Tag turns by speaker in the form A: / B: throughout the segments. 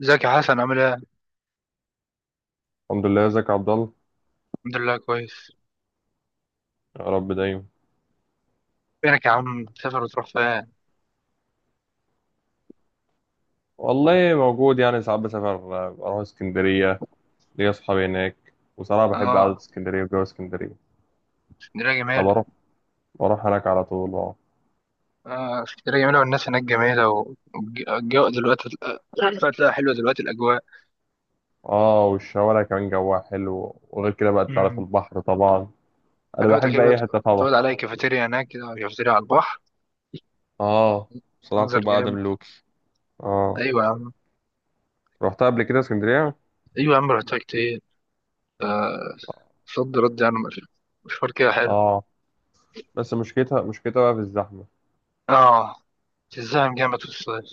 A: ازيك يا حسن عامل ايه؟
B: الحمد لله. ازيك يا عبد الله؟
A: الحمد لله كويس.
B: يا رب دايما.
A: فينك يا عم تسافر وتروح فين؟
B: والله موجود، يعني ساعات بسافر. اروح اسكندريه، ليا اصحابي هناك وصراحه بحب قعده
A: اه،
B: اسكندريه وجو اسكندريه.
A: اسكندرية جميلة.
B: فبروح بروح هناك على طول. اه.
A: اه، اسكندرية جميلة والناس هناك جميلة والجو دلوقتي فتلاقي حلوة دلوقتي الأجواء.
B: اه، والشوارع كمان جواها حلو، وغير كده بقى انت عارف
A: امم،
B: البحر طبعا. انا
A: حلاوتك
B: بحب
A: ايه بقى.
B: اي حته طبعا.
A: تقعد على أي كافيتيريا هناك كده، كافيتيريا على البحر.
B: اه، بصراحه
A: منظر
B: بتبقى قاعده
A: جامد.
B: ملوكي. اه،
A: أيوة يا عم.
B: رحتها قبل كده اسكندريه.
A: أيوة يا عم، رحتها كتير. صد رد يعني مش- مشوار كده حلو.
B: اه، بس مشكلتها بقى في الزحمه.
A: اه، تتزاحم جامد في الصيف.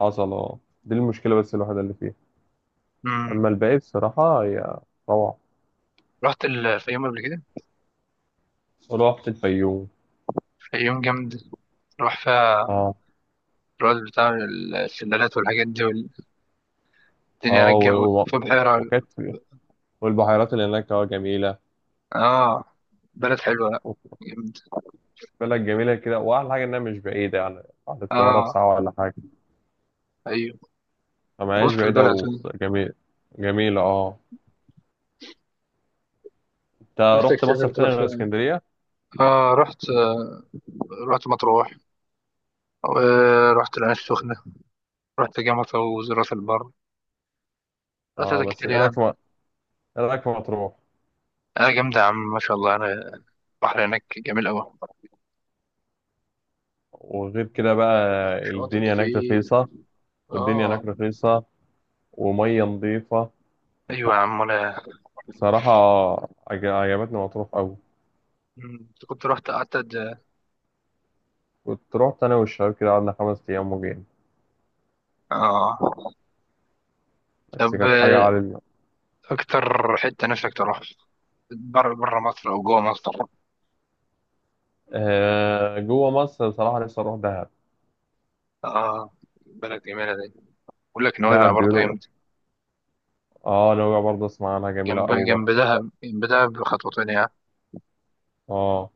B: حصل. اه، دي المشكله بس الوحيده اللي فيها،
A: امم.
B: اما الباقي بصراحه هي روعه.
A: رحت الفيوم قبل كده.
B: ورحت الفيوم.
A: الفيوم جامد. راح فيها
B: اه.
A: الرز بتاع السندالات والحاجات دي والدنيا
B: اه و...
A: رجع. في
B: و...
A: بحيرة.
B: وكانت والبحيرات اللي هناك اه جميلة.
A: اه، بلد حلوة، لا جامد.
B: بلد جميلة كده، وأحلى حاجة إنها مش بعيدة، يعني بعد القاهرة
A: اه،
B: بساعة ولا حاجة.
A: ايوه،
B: فما هياش
A: وسط
B: بعيدة
A: البلد.
B: وجميل. جميلة اه. أنت
A: نفسك
B: رحت
A: تسافر
B: مصيف تاني
A: تروح
B: غير
A: فين؟
B: اسكندرية؟
A: اه، رحت، رحت مطروح، ورحت العين السخنة، رحت جامعة، وراس البر. رحت
B: اه،
A: حاجات
B: بس
A: كتير يعني.
B: إيه رأيك في مطروح؟
A: اه، جامدة يا عم، ما شاء الله يعني. البحر هناك جميل أوي.
B: وغير كده بقى،
A: شواطئ
B: الدنيا هناك
A: كتير.
B: رخيصة. والدنيا
A: اه.
B: هناك رخيصة ومية نظيفة.
A: أيوة يا عم، أنا
B: بصراحة عجبتني مطروح أوي.
A: كنت رحت قعدت
B: كنت رحت أنا والشباب كده قعدنا 5 أيام وجينا،
A: اه.
B: بس
A: طب،
B: كانت حاجة عالية.
A: أكتر حتة نفسك تروح بره؟ مصر او جوه مصر؟
B: آه، جوه مصر بصراحة نفسي أروح دهب.
A: اه، بلد جميله دي. بقول لك نويبع
B: دهب
A: برضه
B: بيقولوا.
A: جنب،
B: اه، نويبع برضه أسمع عنها جميلة أوي برضه.
A: جنب دهب، جنب دهب بخطوتين يعني.
B: اه،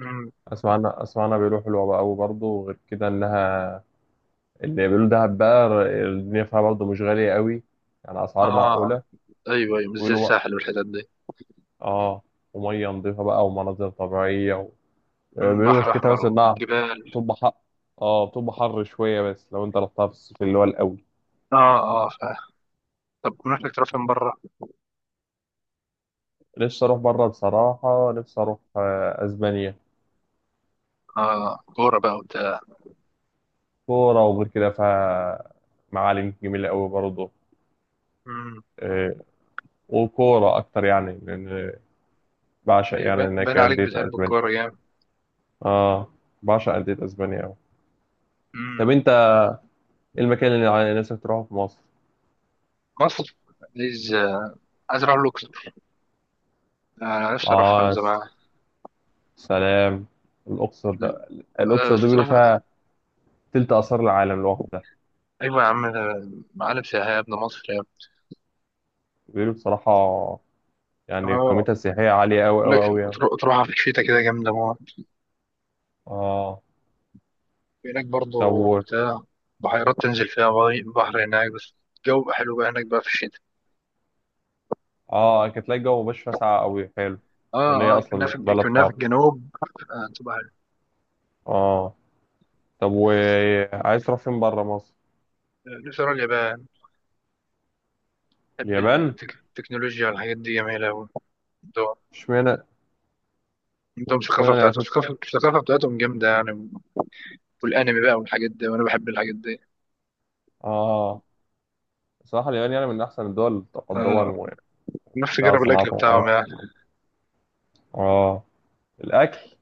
A: أمم.
B: أسمع عنها بيقولوا حلوة بقى أوي برضه. وغير كده إنها، اللي بيقولوا دهب بقى، الدنيا فيها برضه مش غالية أوي، يعني أسعار
A: اه،
B: معقولة.
A: ايوه ايوه، مش زي
B: ويقولوا بقى
A: الساحل والحتت دي.
B: اه، ومية نضيفة بقى ومناظر طبيعية و... آه،
A: أمم،
B: بيقولوا
A: بحر
B: مشكلتها
A: احمر
B: بس إنها
A: وجبال.
B: بتبقى حر. اه، بتبقى حر شوية، بس لو أنت رحتها في الصيف اللي هو الأول.
A: اه اه طب نفسك تروح فين بره؟
B: نفسي أروح بره، بصراحة نفسي أروح آه، أسبانيا.
A: اه، كوره بقى وبتاع.
B: كورة، وغير كده فمعالم جميلة قوي برضه.
A: أمم.
B: آه، وكورة أكتر يعني، لأن بعشق
A: ايوه،
B: يعني
A: بان
B: إن
A: باين
B: كان
A: عليك
B: أندية
A: بتحب
B: أسبانيا.
A: الكوره جامد.
B: آه، بعشق أندية أسبانيا أوي.
A: أمم.
B: طب أنت إيه المكان اللي على نفسك تروحه في مصر؟
A: مصر. عايز، اروح الاقصر. انا نفسي اروح من
B: آه،
A: زمان.
B: سلام. الأقصر ده
A: آه،
B: الأقصر دي
A: بس
B: بيقولوا
A: أروح-
B: فيها تلت آثار العالم لوحدها.
A: ايوه يا عم، ده معالم سياحيه يا ابن مصر يا ابني.
B: بيقولوا بصراحة
A: اه،
B: يعني قيمتها السياحية عالية أوي
A: بقول لك
B: أوي أوي يعني.
A: تروح في الشتاء كده جامدة موت
B: آه.
A: هناك برضه.
B: طب
A: بتاع بحيرات تنزل فيها، بحر، هناك، بس الجو بقى حلو بقى هناك بقى في الشتاء.
B: آه كانت تلاقي الجو مبقاش فيها ساقعة أوي، حلو.
A: اه
B: لأن هي
A: اه،
B: أصلا بلد
A: كنا في
B: حر.
A: الجنوب. آه، تبقى حلو.
B: آه. طب وعايز تروح فين بره مصر؟
A: آه، نفسي أروح اليابان. بحب
B: اليابان.
A: التكنولوجيا والحاجات دي جميلة أوي عندهم.
B: اشمعنى.
A: عندهم الثقافة
B: اشمعنى
A: بتاعتهم،
B: اليابان.
A: الثقافة بتاعتهم جامدة يعني. والأنمي بقى والحاجات دي، وأنا بحب الحاجات دي.
B: اه، صراحة اليابان يعني من احسن الدول تقدما،
A: آه، نفسي
B: وبتاع
A: أجرب الأكل
B: صناعات وحاجات.
A: بتاعهم يعني.
B: اه، الاكل.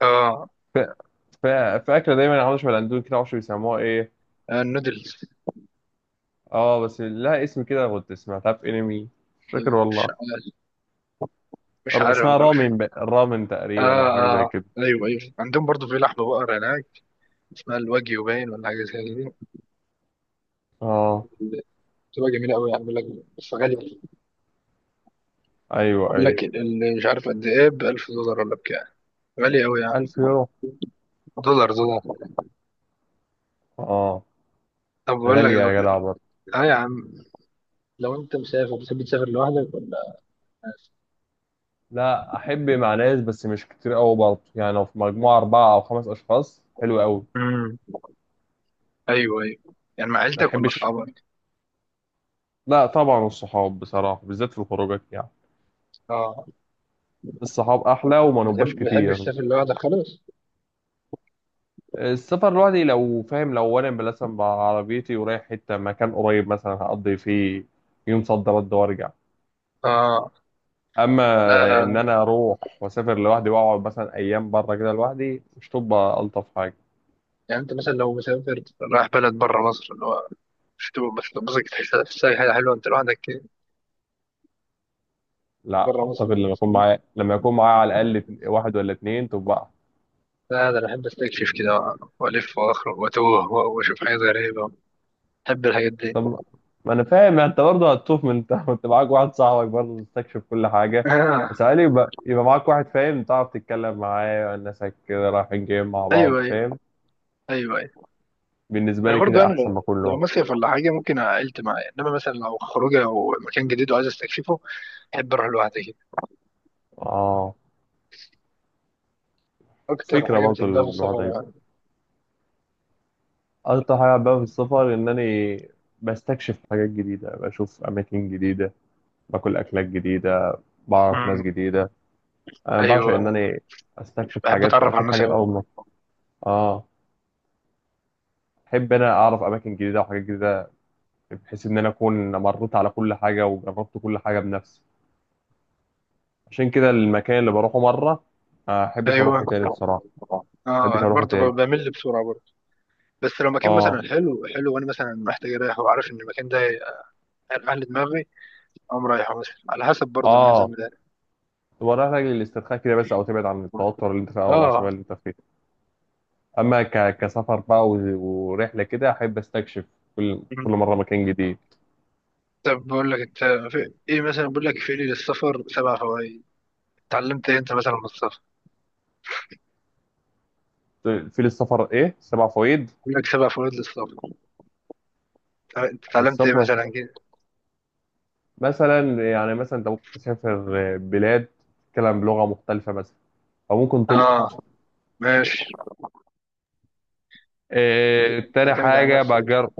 A: اه.
B: في, في اكله دايما عامله شبه الاندومي كده، معرفش بيسموها ايه.
A: آه، النودلز.
B: اه، بس لها اسم كده كنت سمعتها في انمي، مش فاكر
A: آه،
B: والله.
A: مش
B: ر-
A: عارف.
B: اسمها رامن تقريبا،
A: اه
B: او حاجه زي
A: اه،
B: كده.
A: ايوه ايوه، عندهم برضو في لحم بقر هناك اسمها الواجيو باين ولا حاجه زي دي.
B: اه،
A: بتبقى جميله قوي يعني، بيقول لك، بس غاليه.
B: ايوه،
A: بيقول
B: ايوه.
A: لك مش عارف قد ايه، ب 1000 دولار ولا بكام. غاليه قوي يعني.
B: 1000 يورو.
A: دولار دولار.
B: اه،
A: طب بقول لك
B: غاليه يا جدع برضه.
A: اه يا عم، لو انت مسافر بتحب تسافر لوحدك ولا؟
B: لا، احب مع ناس بس مش كتير قوي برضه، يعني لو في مجموعه 4 او 5 اشخاص حلو قوي.
A: امم. ايوه ايوه، يعني مع
B: ما
A: عيلتك ولا
B: احبش.
A: اصحابك؟
B: لا طبعا الصحاب بصراحه، بالذات في الخروجات، يعني
A: اه.
B: الصحاب احلى وما نبقاش
A: بتحب،
B: كتير.
A: تسافر لوحدك خالص؟
B: السفر لوحدي لو فاهم، لو انا مثلا بعربيتي ورايح حته مكان قريب مثلا هقضي فيه يوم صد رد وارجع.
A: اه.
B: اما
A: لا
B: ان
A: لا.
B: انا اروح واسافر لوحدي واقعد مثلا ايام بره كده لوحدي، مش تبقى الطف حاجه.
A: يعني انت مثلا لو مسافر رايح بلد بره مصر، اللي هو مش تبقى تحس، حاجه حلوه انت لوحدك
B: لا
A: بره مصر؟
B: اعتقد، لما يكون معايا على الاقل واحد ولا اتنين تبقى.
A: لا، ده انا بحب استكشف كده، والف واخرج واتوه واشوف حاجات غريبه. بحب الحاجات دي.
B: طب ما انا فاهم، يعني انت برضه هتطوف من انت كنت معاك واحد صاحبك، برضه تستكشف كل حاجه.
A: آه.
B: بس علي يبقى معاك واحد فاهم تعرف تتكلم معاه، ناسك كده رايحين جايين مع
A: ايوه
B: بعض،
A: ايوه.
B: فاهم.
A: ايوه ايوه،
B: بالنسبه
A: انا
B: لي
A: برضو
B: كده
A: يعني
B: احسن
A: لو،
B: ما كله.
A: مصيف ولا حاجه ممكن عائلتي معايا. انما مثلا لو خروجه او مكان جديد وعايز استكشفه بحب اروح لوحدي كده.
B: اه،
A: اكتر
B: فكره
A: حاجه
B: برضه
A: بتحبها في السفر
B: الوضع يبقى.
A: يعني؟
B: اكتر حاجه بحبها في السفر ان انا بستكشف حاجات جديده، بشوف اماكن جديده، باكل اكلات جديده، بعرف ناس
A: أمم.
B: جديده. انا بعشق ان
A: ايوه.
B: انا استكشف
A: بحب
B: حاجات
A: اتعرف على
B: واشوف
A: الناس
B: حاجات اول
A: قوي.
B: مره. اه، احب انا اعرف اماكن جديده وحاجات جديده، بحيث ان انا اكون مريت على كل حاجه وجربت كل حاجه بنفسي. عشان كده المكان اللي بروحه مره آه، ما احبش
A: ايوه.
B: اروحه تاني بصراحه. ما
A: اه،
B: احبش
A: انا
B: اروحه
A: برضه
B: تاني.
A: بمل بسرعه برضه. بس لو مكان
B: اه.
A: مثلا حلو حلو وانا مثلا محتاج اريح وعارف ان المكان ده هيريح لي دماغي، قام رايح مثلا على حسب برضه انا عايز
B: اه،
A: اعمل ايه.
B: تبقى رايح لاجل الاسترخاء كده بس، او تبعد عن التوتر اللي انت فيه او العصبيه
A: اه.
B: اللي انت فيها. اما كسفر بقى و... ورحله كده، احب استكشف كل مره
A: مم.
B: مكان جديد.
A: طب بقول لك انت، في ايه مثلا؟ بقول لك في لي للسفر سبع فوائد. اتعلمت ايه انت مثلا من السفر؟
B: في للسفر ايه 7 فوائد.
A: بقول لك سبع فوائد للسفر. انت اتعلمت ايه
B: السفر
A: مثلا كده؟
B: مثلا، يعني مثلا انت ممكن تسافر بلاد تتكلم بلغه مختلفه مثلا، او ممكن تلقط.
A: اه. ماشي.
B: آه، تاني
A: تعتمد على
B: حاجة
A: نفسك.
B: بجرب.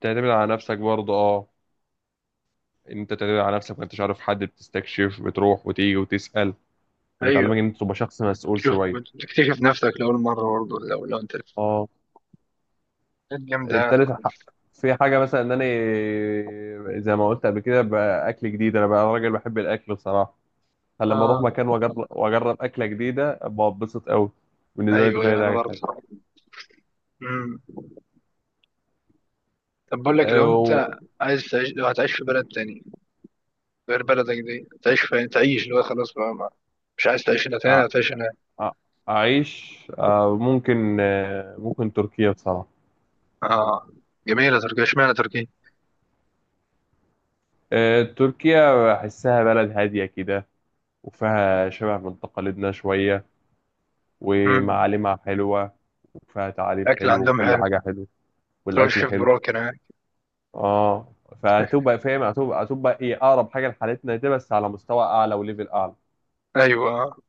B: تعتمد على نفسك برضه اه، ان انت تعتمد على نفسك ما انتش عارف حد، بتستكشف بتروح وتيجي وتسأل، فبتعلمك
A: ايوه.
B: ان انت تبقى شخص مسؤول
A: شوف،
B: شوية.
A: تكتشف نفسك لاول مره برضه، لو انت
B: اه.
A: حاجات جامده.
B: التالت حق في حاجة، مثلا ان انا زي ما قلت قبل كده بقى، اكل جديد. انا بقى راجل بحب الاكل بصراحة، فلما اروح
A: اه.
B: مكان واجرب اكلة جديده ابقى اتبسط قوي. بالنسبة لي دي
A: ايوه ايوه.
B: فايدة
A: انا
B: حاجة.
A: برضه. امم. طب بقول لك، لو
B: أو
A: انت عايز تعيش، لو هتعيش في بلد تاني غير بلدك دي، تعيش فين؟ تعيش اللي هو خلاص بقى مش عايز تعيش هنا
B: أ-
A: تاني، هتعيش هناك.
B: أ- اعيش آه، ممكن، آه، ممكن تركيا بصراحة.
A: اه، جميلة تركيا، اشمعنى تركيا؟
B: آه، تركيا بحسها بلد هادية كده، وفيها شبه من تقاليدنا شوية،
A: مم.
B: ومعالمها حلوة، وفيها تعاليم
A: أكل
B: حلوة
A: عندهم
B: وكل
A: حلو.
B: حاجة حلوة.
A: تروح
B: والأكل
A: الشيف
B: حلو.
A: براك هناك.
B: اه، فهتبقى فاهم، هتبقى ايه، أقرب حاجة لحالتنا دي بس على مستوى أعلى وليفل أعلى.
A: أيوة.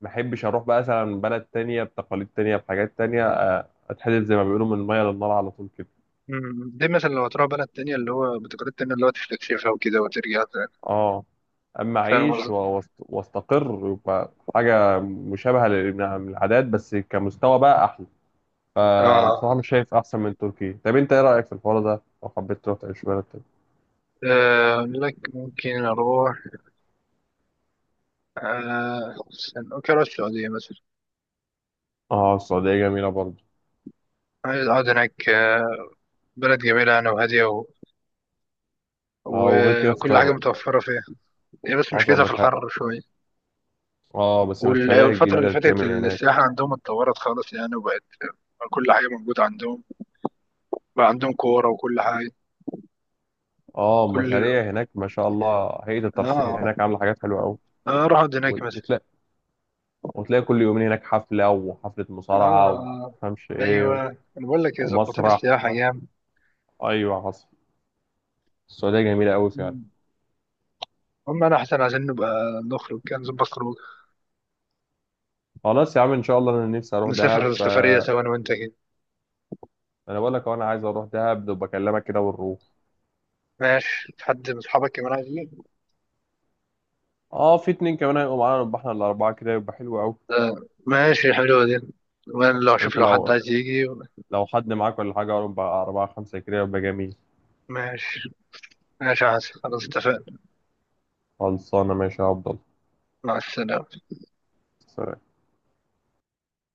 B: ما أحبش أروح بقى مثلا بلد تانية بتقاليد تانية بحاجات تانية، آه، أتحدد زي ما بيقولوا من المية للنار على طول كده.
A: مم. دي مثلا لو هتروح بلد تانية اللي هو بتقاليد تانية، اللي هو تستكشفها وكده وترجع تاني.
B: اه. أما
A: فاهم
B: أعيش و-
A: قصدي؟
B: واست- وأستقر يبقى حاجة مشابهة للعادات بس كمستوى بقى أحلى.
A: آه.
B: فبصراحة مش شايف أحسن من تركيا. طب أنت إيه رأيك في الحوار ده لو حبيت تروح تعيش في بلد تاني؟
A: آه، أقول لك، ممكن أروح، آه استنى، ممكن أروح السعودية مثلا.
B: أه، السعودية جميلة برضه.
A: عايز أقعد هناك. آه، بلد جميلة، أنا وهادية و...
B: أه، وغير كده في
A: وكل حاجة
B: طبعا
A: متوفرة فيها. هي بس
B: حصل
A: مشكلتها في
B: مشاريع.
A: الحر شوية.
B: أه، بس المشاريع الجديدة
A: والفترة اللي
B: اللي
A: فاتت
B: بتتعمل هناك.
A: السياحة عندهم اتطورت خالص يعني، وبقت كل حاجة موجودة عندهم، بقى عندهم كورة وكل حاجة.
B: أه،
A: كل،
B: المشاريع هناك ما شاء الله، هيئة الترفيه
A: اه.
B: هناك عاملة حاجات حلوة أوي.
A: اه، اروح اقعد هناك
B: وت-
A: مثلا.
B: وتلاقي وتلاقي كل يومين هناك حفلة، وحفلة
A: اه.
B: مصارعة وما
A: آه.
B: أفهمش إيه،
A: ايوه. انا بقول لك إيه، ظبطين
B: ومسرح.
A: السياحة جام.
B: أيوة حصل، السعودية جميلة أوي فعلا.
A: مم. هم انا احسن عشان نبقى، نخرج كده، نظبط خروج،
B: خلاص يا عم إن شاء الله، أنا نفسي أروح دهب،
A: نسافر سفرية
B: فأنا
A: سوا انا وانت كده.
B: بقول لك أهو، أنا عايز أروح دهب بكلمك كده ونروح.
A: ماشي، في حد من اصحابك كمان عايز يجي؟
B: اه، في اتنين كمان هيبقوا معانا، نبقى احنا الاربعه كده يبقى حلو قوي.
A: آه. ماشي، حلوة دي. وانا لو اشوف
B: وانت
A: لو حد
B: لو
A: عايز يجي.
B: حد معاك ولا حاجه يبقى اربعه خمسه كده يبقى جميل.
A: ماشي. ماشي يا حسن، خلاص اتفقنا.
B: خلصانه ماشي يا عبد الله.
A: مع السلامة.
B: سلام.